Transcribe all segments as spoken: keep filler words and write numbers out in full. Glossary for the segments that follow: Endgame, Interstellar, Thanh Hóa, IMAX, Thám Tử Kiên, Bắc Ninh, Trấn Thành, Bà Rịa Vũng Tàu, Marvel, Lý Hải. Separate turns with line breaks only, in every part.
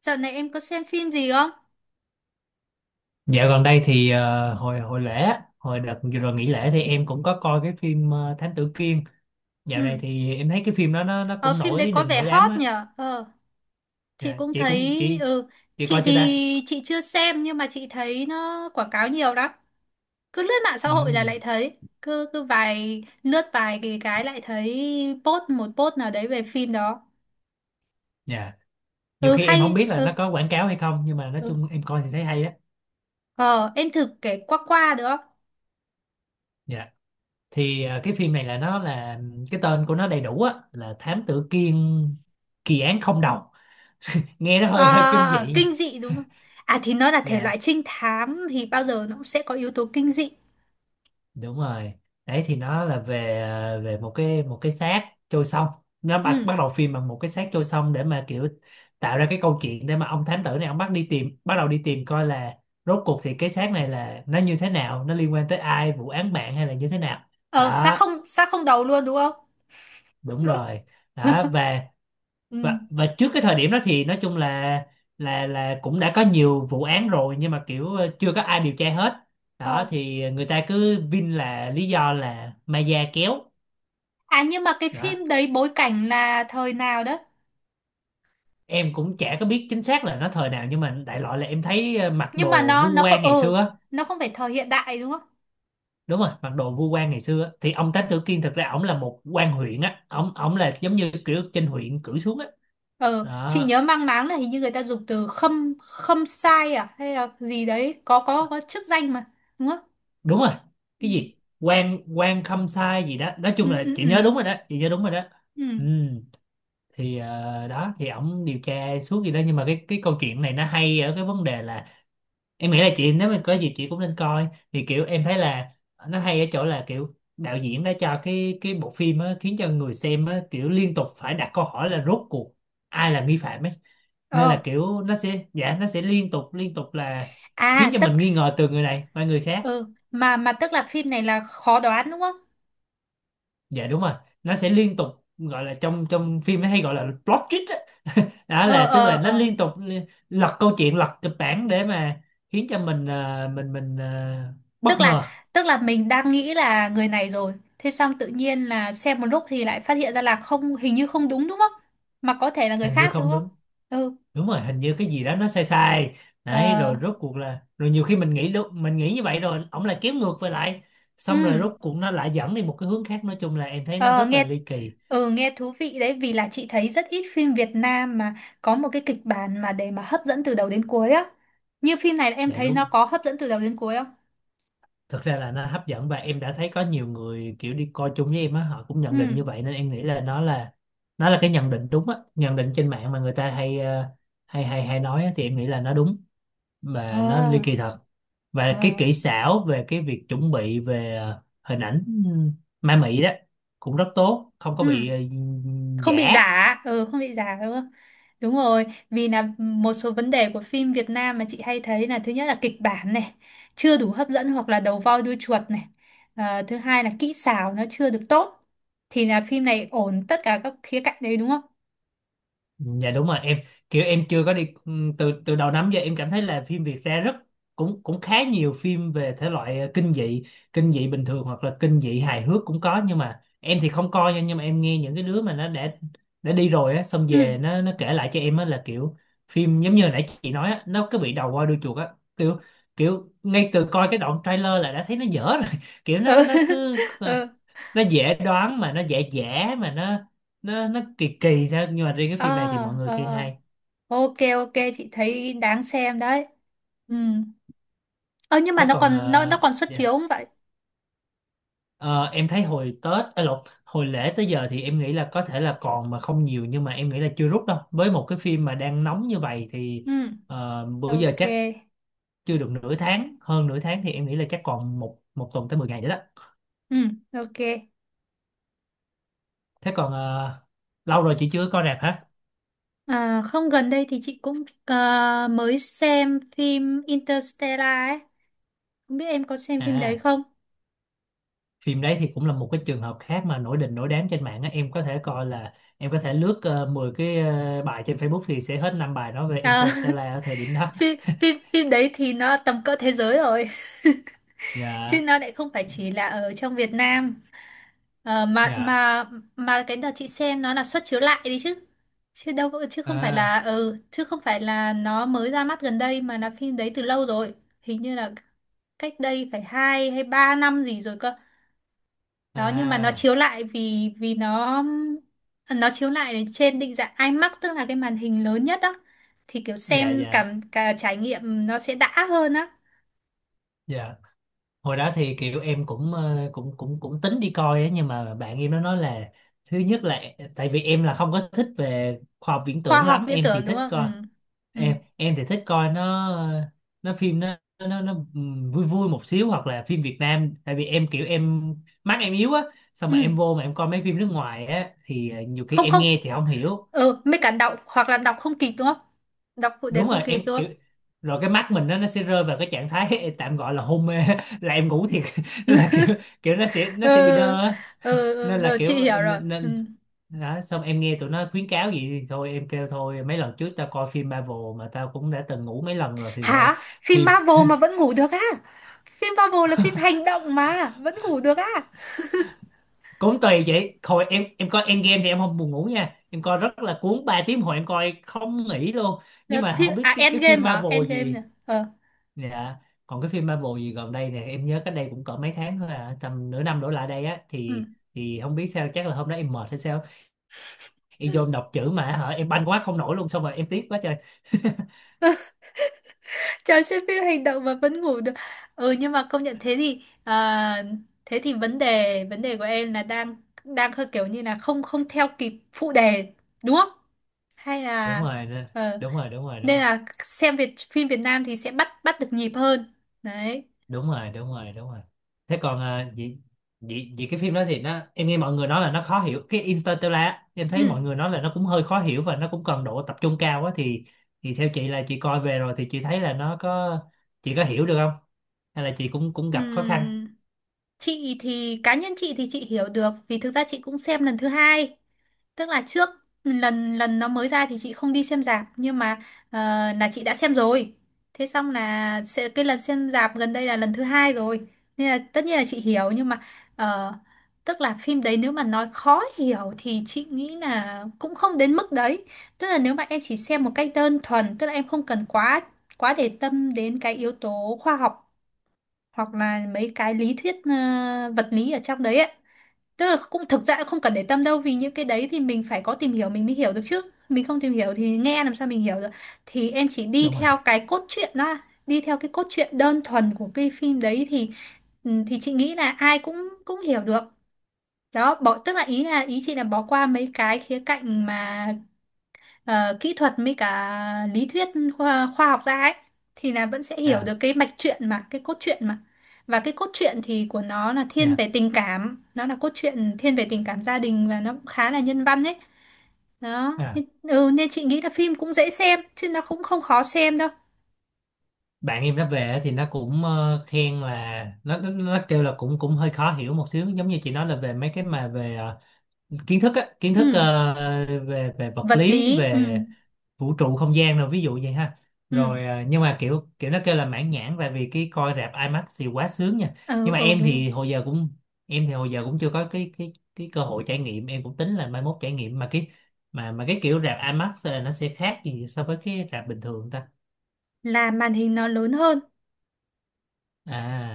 Dạo này em có xem phim gì không?
Dạo gần đây thì ờ, hồi hồi lễ, á, hồi đợt vừa rồi nghỉ lễ thì em cũng có coi cái phim ờ, Thám Tử Kiên. Dạo này
Ừ.
thì em thấy cái phim đó nó nó
Ờ,
cũng
phim đấy
nổi
có
đình
vẻ
nổi đám
hot
á.
nhở? Ờ, chị
Dạ,
cũng
chị cũng
thấy...
chị
Ừ,
chị
chị
coi chưa ta?
thì chị chưa xem nhưng mà chị thấy nó quảng cáo nhiều lắm. Cứ lướt mạng xã hội
Ừ.
là lại thấy. Cứ cứ vài... Lướt vài cái, cái lại thấy post một post nào đấy về phim đó.
Dạ. Nhiều
Ừ,
khi em không
hay...
biết là nó
Ừ,
có quảng cáo hay không, nhưng mà nói
ừ.
chung em coi thì thấy hay á.
Ờ, em thử kể qua qua được không?
Dạ. Thì ờ, cái phim này là nó, là cái tên của nó đầy đủ á là Thám Tử Kiên, kỳ án không đầu. Nghe nó
Ờ,
hơi hơi
ờ,
kinh dị
ờ,
nha.
kinh dị đúng không? À thì nó là thể
Dạ,
loại trinh thám thì bao giờ nó cũng sẽ có yếu tố kinh dị.
đúng rồi. Đấy thì nó là về à, về một cái một cái xác trôi sông. Nó bắt
Ừ.
bắt đầu phim bằng một cái xác trôi sông để mà kiểu tạo ra cái câu chuyện, để mà ông thám tử này ông bắt đi tìm bắt đầu đi tìm coi là rốt cuộc thì cái xác này là nó như thế nào, nó liên quan tới ai, vụ án mạng hay là như thế nào.
Ờ, xác
Đó,
không, xác không đầu luôn đúng không?
đúng rồi đó. và
Ừ.
và và trước cái thời điểm đó thì nói chung là, là là cũng đã có nhiều vụ án rồi nhưng mà kiểu ờ, chưa có ai điều tra hết.
Ờ.
Đó thì người ta cứ vin là lý do là ma da kéo
À nhưng mà cái
đó.
phim đấy bối cảnh là thời nào đó?
Em cũng chả có biết chính xác là nó thời nào, nhưng mà đại loại là em thấy ờ, mặc
Nhưng mà
đồ
nó
vu
nó không
quan ngày
ừ,
xưa á.
nó không phải thời hiện đại đúng không?
Đúng rồi, mặc đồ vu quan ngày xưa á. Thì ông Thám Tử Kiên thực ra ổng là một quan huyện á, ổng ổng là giống như kiểu trên huyện cử xuống á.
Ờ, chị
Đó,
nhớ mang máng là hình như người ta dùng từ khâm khâm sai à hay là gì đấy, có có có chức danh mà, đúng không?
đúng rồi.
Ừ
Cái gì quan quan khâm sai gì đó, nói
ừ
chung là
ừ.
chị
Ừ.
nhớ đúng rồi đó, chị nhớ đúng rồi đó.
Ừ.
Ừ. Thì ờ, đó thì ổng điều tra suốt gì đó, nhưng mà cái cái câu chuyện này nó hay ở cái vấn đề là em nghĩ là chị nếu mà có dịp chị cũng nên coi. Thì kiểu em thấy là nó hay ở chỗ là kiểu đạo diễn đã cho cái cái bộ phim á, khiến cho người xem á, kiểu liên tục phải đặt câu hỏi là rốt cuộc ai là nghi phạm ấy. Nên là
Ờ,
kiểu nó sẽ, dạ, nó sẽ liên tục liên tục là khiến
à
cho
tức
mình nghi ngờ từ người này qua người khác.
ừ mà mà Tức là phim này là khó đoán đúng không?
Dạ đúng rồi. Nó sẽ liên tục, gọi là trong, trong phim ấy hay gọi là plot twist á. Đó,
Ờ
là tức
ờ
là nó
ờ.
liên tục li- lật câu chuyện, lật kịch bản để mà khiến cho mình ờ, mình mình ờ, bất
tức là
ngờ.
tức là mình đang nghĩ là người này rồi thế xong tự nhiên là xem một lúc thì lại phát hiện ra là không, hình như không đúng đúng không, mà có thể là người
Hình như
khác đúng
không
không?
đúng.
ừ
Đúng rồi, hình như cái gì đó nó sai sai. Đấy,
ờ
rồi rốt cuộc là, rồi nhiều khi mình nghĩ lúc mình nghĩ như vậy rồi ổng lại kéo ngược về lại.
ừ
Xong rồi rốt cuộc nó lại dẫn đi một cái hướng khác. Nói chung là em thấy nó
ờ
rất là
nghe
ly kỳ.
ừ Nghe thú vị đấy, vì là chị thấy rất ít phim Việt Nam mà có một cái kịch bản mà để mà hấp dẫn từ đầu đến cuối á. Như phim này em
Dạ
thấy
đúng.
nó có hấp dẫn từ đầu đến cuối không?
Thực ra là nó hấp dẫn và em đã thấy có nhiều người kiểu đi coi chung với em á, họ cũng nhận định
ừ
như vậy, nên em nghĩ là nó là, nó là cái nhận định đúng á, nhận định trên mạng mà người ta hay ờ, hay hay hay nói á, thì em nghĩ là nó đúng
ờ
và nó ly kỳ thật.
ờ
Và cái kỹ xảo về cái việc chuẩn bị về ờ, hình ảnh, ừ, ma mị đó cũng rất tốt, không có
ừ
bị ờ,
Không bị
giả.
giả, ừ không bị giả đúng không? Đúng rồi, vì là một số vấn đề của phim Việt Nam mà chị hay thấy là thứ nhất là kịch bản này chưa đủ hấp dẫn hoặc là đầu voi đuôi chuột này. Ờ, thứ hai là kỹ xảo nó chưa được tốt. Thì là phim này ổn tất cả các khía cạnh đấy đúng không?
Dạ đúng rồi. Em kiểu em chưa có đi, ừm, từ từ đầu năm giờ em cảm thấy là phim Việt ra rất, cũng cũng khá nhiều phim về thể loại ờ, kinh dị. Kinh dị bình thường hoặc là kinh dị hài hước cũng có, nhưng mà em thì không coi nha. Nhưng mà em nghe những cái đứa mà nó đã đã đi rồi á, xong
Ừ
về nó nó kể lại cho em á là kiểu phim giống như hồi nãy chị nói á, nó cứ bị đầu voi đuôi chuột á. Kiểu kiểu ngay từ coi cái đoạn trailer là đã thấy nó dở rồi. Kiểu
ừ
nó nó cứ,
ừ.
nó dễ đoán mà nó dễ dễ mà nó nó nó kỳ kỳ sao. Nhưng mà riêng cái
Ờ,
phim này thì mọi người
ờ,
khen
ờ.
hay.
Ok ok, chị thấy đáng xem đấy. Ừ, ờ nhưng mà
Thế
nó
còn
còn nó nó
ờ,
còn xuất chiếu
dạ.
không vậy?
Ờ, em thấy hồi Tết, à lộn, hồi lễ tới giờ thì em nghĩ là có thể là còn mà không nhiều, nhưng mà em nghĩ là chưa rút đâu. Với một cái phim mà đang nóng như vậy thì
Ừ
ờ, bữa giờ
ok.
chắc chưa được nửa tháng, hơn nửa tháng, thì em nghĩ là chắc còn một một tuần tới mười ngày nữa đó.
Ừ ok.
Thế còn ờ, lâu rồi chị chưa có coi rạp hả?
À, không gần đây thì chị cũng ờ, mới xem phim Interstellar ấy. Không biết em có xem phim đấy
À,
không?
phim đấy thì cũng là một cái trường hợp khác mà nổi đình nổi đám trên mạng á. Em có thể coi là em có thể lướt ờ, mười cái ờ, bài trên Facebook thì sẽ hết năm bài nói về
Ờ,
Interstellar ở thời điểm đó.
phim, phim, phim đấy thì nó tầm cỡ thế giới rồi. Chứ
Dạ
nó lại không phải chỉ là ở trong Việt Nam. Ờ, mà
dạ.
mà mà cái đợt chị xem nó là suất chiếu lại đi chứ. Chứ đâu, chứ không phải
À
là ừ, chứ không phải là nó mới ra mắt gần đây mà là phim đấy từ lâu rồi. Hình như là cách đây phải hai hay ba năm gì rồi cơ. Đó nhưng mà nó
à.
chiếu lại vì vì nó nó chiếu lại ở trên định dạng i mắc, tức là cái màn hình lớn nhất. Đó thì kiểu
Dạ
xem
dạ
cảm cả trải nghiệm nó sẽ đã hơn á.
dạ. Hồi đó thì kiểu em cũng ờ, cũng cũng cũng tính đi coi á, nhưng mà bạn em nó nói là thứ nhất là, tại vì em là không có thích về khoa học viễn
Khoa
tưởng
học
lắm,
viễn
em thì
tưởng đúng
thích
không? Ừ
coi,
ừ
em em thì thích coi nó. Nó, phim nó nó nó ừm, vui vui một xíu hoặc là phim Việt Nam, tại vì em kiểu em, mắt em yếu á. Xong mà
ừ,
em vô mà em coi mấy phim nước ngoài á thì ờ, nhiều khi
không
em
không,
nghe thì không hiểu.
ừ mấy cả đọc hoặc là đọc không kịp đúng không? Đọc phụ đề
Đúng
không
rồi,
kịp
em
đúng
kiểu,
không?
rồi cái mắt mình nó nó sẽ rơi vào cái trạng thái tạm gọi là hôn mê, là em ngủ thiệt, là kiểu kiểu nó sẽ
Ừ
nó sẽ bị đơ á.
ừ ừ,
Nên là
rồi
kiểu
chị hiểu rồi
nên,
ừ.
nên đó. Xong em nghe tụi nó khuyến cáo gì thì thôi em kêu thôi, mấy lần trước tao coi phim Marvel mà tao cũng đã từng ngủ mấy lần rồi thì thôi.
Hả, phim
Phim
Marvel mà vẫn ngủ được á? Phim Marvel là phim hành động mà vẫn ngủ được á?
cũng tùy chị. Hồi em em coi Endgame thì em không buồn ngủ nha, em coi rất là cuốn, ba tiếng hồi em coi không nghỉ luôn. Nhưng
Là
mà
phim
không biết
à,
cái cái
Endgame
phim
hả?
Marvel
Endgame
gì.
nè ờ.
Dạ, còn cái phim Marvel gì gần đây nè, em nhớ cách đây cũng cỡ mấy tháng thôi, à tầm nửa năm đổ lại đây á,
Ừ.
thì thì không biết sao, chắc là hôm đó em mệt hay sao, em vô em đọc chữ mà hả em banh quá không nổi luôn, xong rồi em tiếc quá trời.
Chào, xem phim hành động mà vẫn ngủ được. Ừ nhưng mà công nhận thế thì à, thế thì vấn đề vấn đề của em là đang đang hơi kiểu như là không, không theo kịp phụ đề đúng không? Hay
Đúng
là
rồi
ờ,
đúng rồi đúng rồi. Đúng
nên
rồi
là xem Việt phim Việt Nam thì sẽ bắt bắt được nhịp hơn. Đấy.
đúng rồi đúng rồi đúng rồi. Thế còn, à vậy, vậy vậy cái phim đó thì nó, em nghe mọi người nói là nó khó hiểu, cái Interstellar á. Em thấy
Ừ.
mọi người nói là nó cũng hơi khó hiểu và nó cũng cần độ tập trung cao quá, thì thì theo chị là chị coi về rồi thì chị thấy là nó có, chị có hiểu được không, hay là chị cũng cũng gặp khó khăn?
Ừ. Chị thì cá nhân chị thì chị hiểu được, vì thực ra chị cũng xem lần thứ hai. Tức là trước lần lần nó mới ra thì chị không đi xem rạp nhưng mà ờ, là chị đã xem rồi. Thế xong là sẽ- cái lần xem rạp gần đây là lần thứ hai rồi. Nên là tất nhiên là chị hiểu nhưng mà ờ, tức là phim đấy nếu mà nói khó hiểu thì chị nghĩ là cũng không đến mức đấy. Tức là nếu mà em chỉ xem một cách đơn thuần, tức là em không cần quá quá để tâm đến cái yếu tố khoa học hoặc là mấy cái lý thuyết ờ, vật lý ở trong đấy ấy. Tức là cũng thực ra cũng không cần để tâm đâu, vì những cái đấy thì mình phải có tìm hiểu mình mới hiểu được chứ. Mình không tìm hiểu thì nghe làm sao mình hiểu được. Thì em chỉ đi
Đúng rồi.
theo cái cốt truyện đó, đi theo cái cốt truyện đơn thuần của cái phim đấy thì ừ, thì chị nghĩ là ai cũng cũng hiểu được. Đó, bỏ tức là ý là ý chị là bỏ qua mấy cái khía cạnh mà ờ, kỹ thuật với cả lý thuyết khoa, khoa học ra ấy thì là vẫn sẽ hiểu
À,
được cái mạch truyện mà cái cốt truyện mà, và cái cốt truyện thì của nó là thiên
dạ.
về tình cảm, nó là cốt truyện thiên về tình cảm gia đình và nó cũng khá là nhân văn ấy. Đó
À,
nên, ừ, nên chị nghĩ là phim cũng dễ xem chứ nó cũng không khó xem đâu.
bạn em nó về á thì nó cũng ờ, khen là nó, nó nó kêu là cũng cũng hơi khó hiểu một xíu, giống như chị nói là về mấy cái mà về ờ, kiến thức á, kiến thức
Ừ.
ờ, về về vật
Vật
lý,
lý ừ.
về vũ trụ không gian rồi ví dụ vậy ha.
Ừ
Rồi à, nhưng mà kiểu kiểu nó kêu là mãn nhãn, tại vì cái coi rạp IMAX thì quá sướng nha. Nhưng
ừ,
mà
ừ
em
đúng rồi.
thì hồi giờ cũng, em thì hồi giờ cũng chưa có cái cái cái cơ hội trải nghiệm. Em cũng tính là mai mốt trải nghiệm, mà cái, mà mà cái kiểu rạp IMAX là nó sẽ khác gì so với cái rạp bình thường ta?
Là màn hình nó lớn hơn.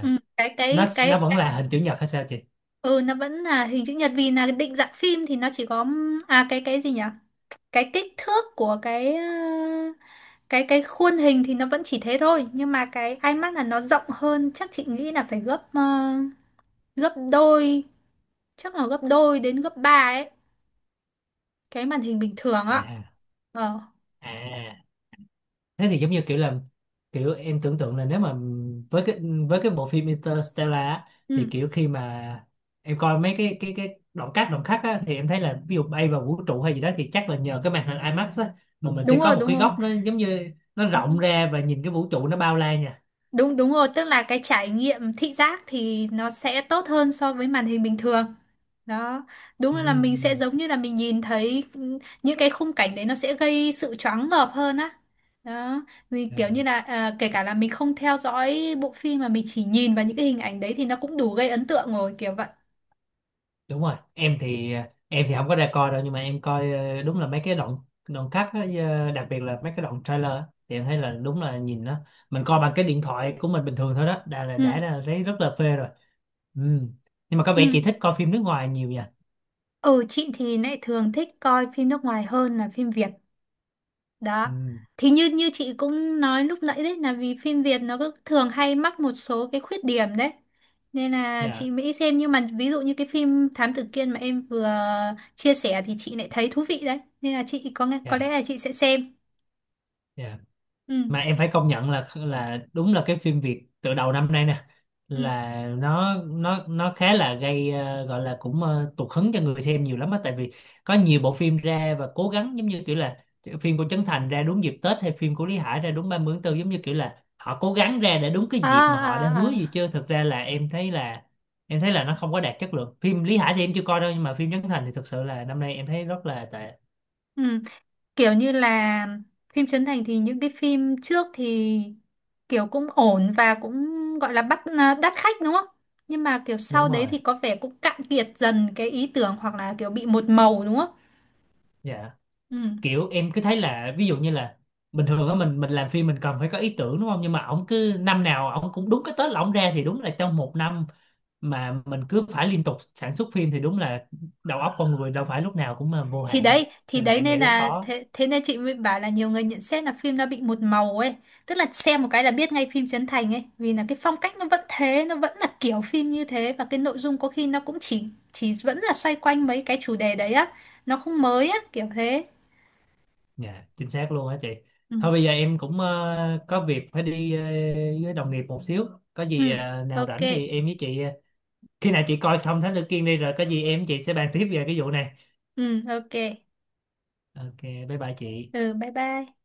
Ừ. cái
nó
cái
nó
cái,
vẫn
cái
là hình chữ nhật hay sao chị?
Ừ, nó vẫn là hình chữ nhật, vì là định dạng phim thì nó chỉ có à cái cái gì nhỉ, cái kích thước của cái ờ, cái cái khuôn hình thì nó vẫn chỉ thế thôi, nhưng mà cái i mắc là nó rộng hơn, chắc chị nghĩ là phải gấp ờ, gấp đôi, chắc là gấp đôi đến gấp ba ấy cái màn hình bình thường ạ.
À
Ờ
à à. Thế thì giống như kiểu là kiểu em tưởng tượng là nếu mà với cái, với cái bộ phim Interstellar á, thì
ừ
kiểu khi mà em coi mấy cái cái cái đoạn cắt, đoạn cắt á, thì em thấy là ví dụ bay vào vũ trụ hay gì đó thì chắc là nhờ cái màn hình IMAX á, mà mình
đúng
sẽ
rồi
có một cái
đúng
góc nó giống như nó
rồi.
rộng ra và nhìn cái vũ trụ nó bao la nha.
Đúng đúng rồi, tức là cái trải nghiệm thị giác thì nó sẽ tốt hơn so với màn hình bình thường. Đó, đúng là mình sẽ
Ừm.
giống như là mình nhìn thấy ừ, những cái khung cảnh đấy nó sẽ gây sự choáng ngợp hơn á. Đó, thì kiểu như
À.
là à, kể cả là mình không theo dõi bộ phim mà mình chỉ nhìn vào những cái hình ảnh đấy thì nó cũng đủ gây ấn tượng rồi, kiểu vậy.
Đúng rồi. Em thì, em thì không có ra coi đâu nhưng mà em coi, ờ, đúng là mấy cái đoạn, đoạn cắt á, ờ, đặc biệt là mấy cái đoạn trailer á, thì em thấy là đúng là nhìn nó, mình coi bằng cái điện thoại của mình bình thường thôi đó, đã là
Ừ,
đã là thấy rất là phê rồi. Ừ. Nhưng mà có
ừ.
vẻ chị thích coi phim nước ngoài nhiều nha.
Ừ, chị thì lại thường thích coi phim nước ngoài hơn là phim Việt. Đó.
Ừ.
Thì như như chị cũng nói lúc nãy đấy là vì phim Việt nó cứ thường hay mắc một số cái khuyết điểm đấy. Nên là
Dạ
chị mới xem, nhưng mà ví dụ như cái phim Thám Tử Kiên mà em vừa chia sẻ thì chị lại thấy thú vị đấy. Nên là chị có nghe- có lẽ
dạ
là chị sẽ xem.
dạ.
Ừ
Mà em phải công nhận là là đúng là cái phim Việt từ đầu năm nay nè,
ừ.
là nó nó nó khá là gây ờ, gọi là cũng ờ, tụt hứng cho người xem nhiều lắm á. Tại vì có nhiều bộ phim ra và cố gắng, giống như kiểu là phim của Trấn Thành ra đúng dịp Tết, hay phim của Lý Hải ra đúng ba mươi tháng tư, giống như kiểu là họ cố gắng ra để đúng cái
À
dịp mà họ đã
à
hứa
à.
gì, chứ thực ra là em thấy là em thấy là nó không có đạt chất lượng. Phim Lý Hải thì em chưa coi đâu, nhưng mà phim Trấn Thành thì thực sự là năm nay em thấy rất là tệ.
Ừ. Kiểu như là phim Trấn Thành thì những cái phim trước thì kiểu cũng ổn và cũng gọi là bắt à, đắt khách đúng không? Nhưng mà kiểu
Đúng
sau đấy
rồi.
thì có vẻ cũng cạn kiệt dần cái ý tưởng hoặc là kiểu bị một màu đúng không?
Dạ,
Ừ.
kiểu em cứ thấy là ví dụ như là bình thường á, mình mình làm phim mình cần phải có ý tưởng đúng không, nhưng mà ổng cứ năm nào ổng cũng đúng cái Tết là ổng ra, thì đúng là trong một năm mà mình cứ phải liên tục sản xuất phim thì đúng là đầu óc con người đâu phải lúc nào cũng mà vô
Thì
hạn đâu,
đấy, thì
nên là
đấy
em nghĩ
nên
là
là
khó.
thế, thế nên chị mới bảo là nhiều người nhận xét là phim nó bị một màu ấy, tức là xem một cái là biết ngay phim Trấn Thành ấy, vì là cái phong cách nó vẫn thế, nó vẫn là kiểu phim như thế và cái nội dung có khi nó cũng chỉ chỉ vẫn là xoay quanh mấy cái chủ đề đấy á, nó không mới á, kiểu thế.
Dạ chính xác luôn á chị.
Ừ
Thôi bây giờ em cũng ờ, có việc phải đi ờ, với đồng nghiệp một xíu, có gì
ừ
ờ, nào
ok.
rảnh thì em với chị, ờ, khi nào chị coi xong Thám Tử Kiên đi, rồi có gì em với chị sẽ bàn tiếp về cái vụ này.
Ừ ok.
Ok, bye bye chị.
Ừ bye bye.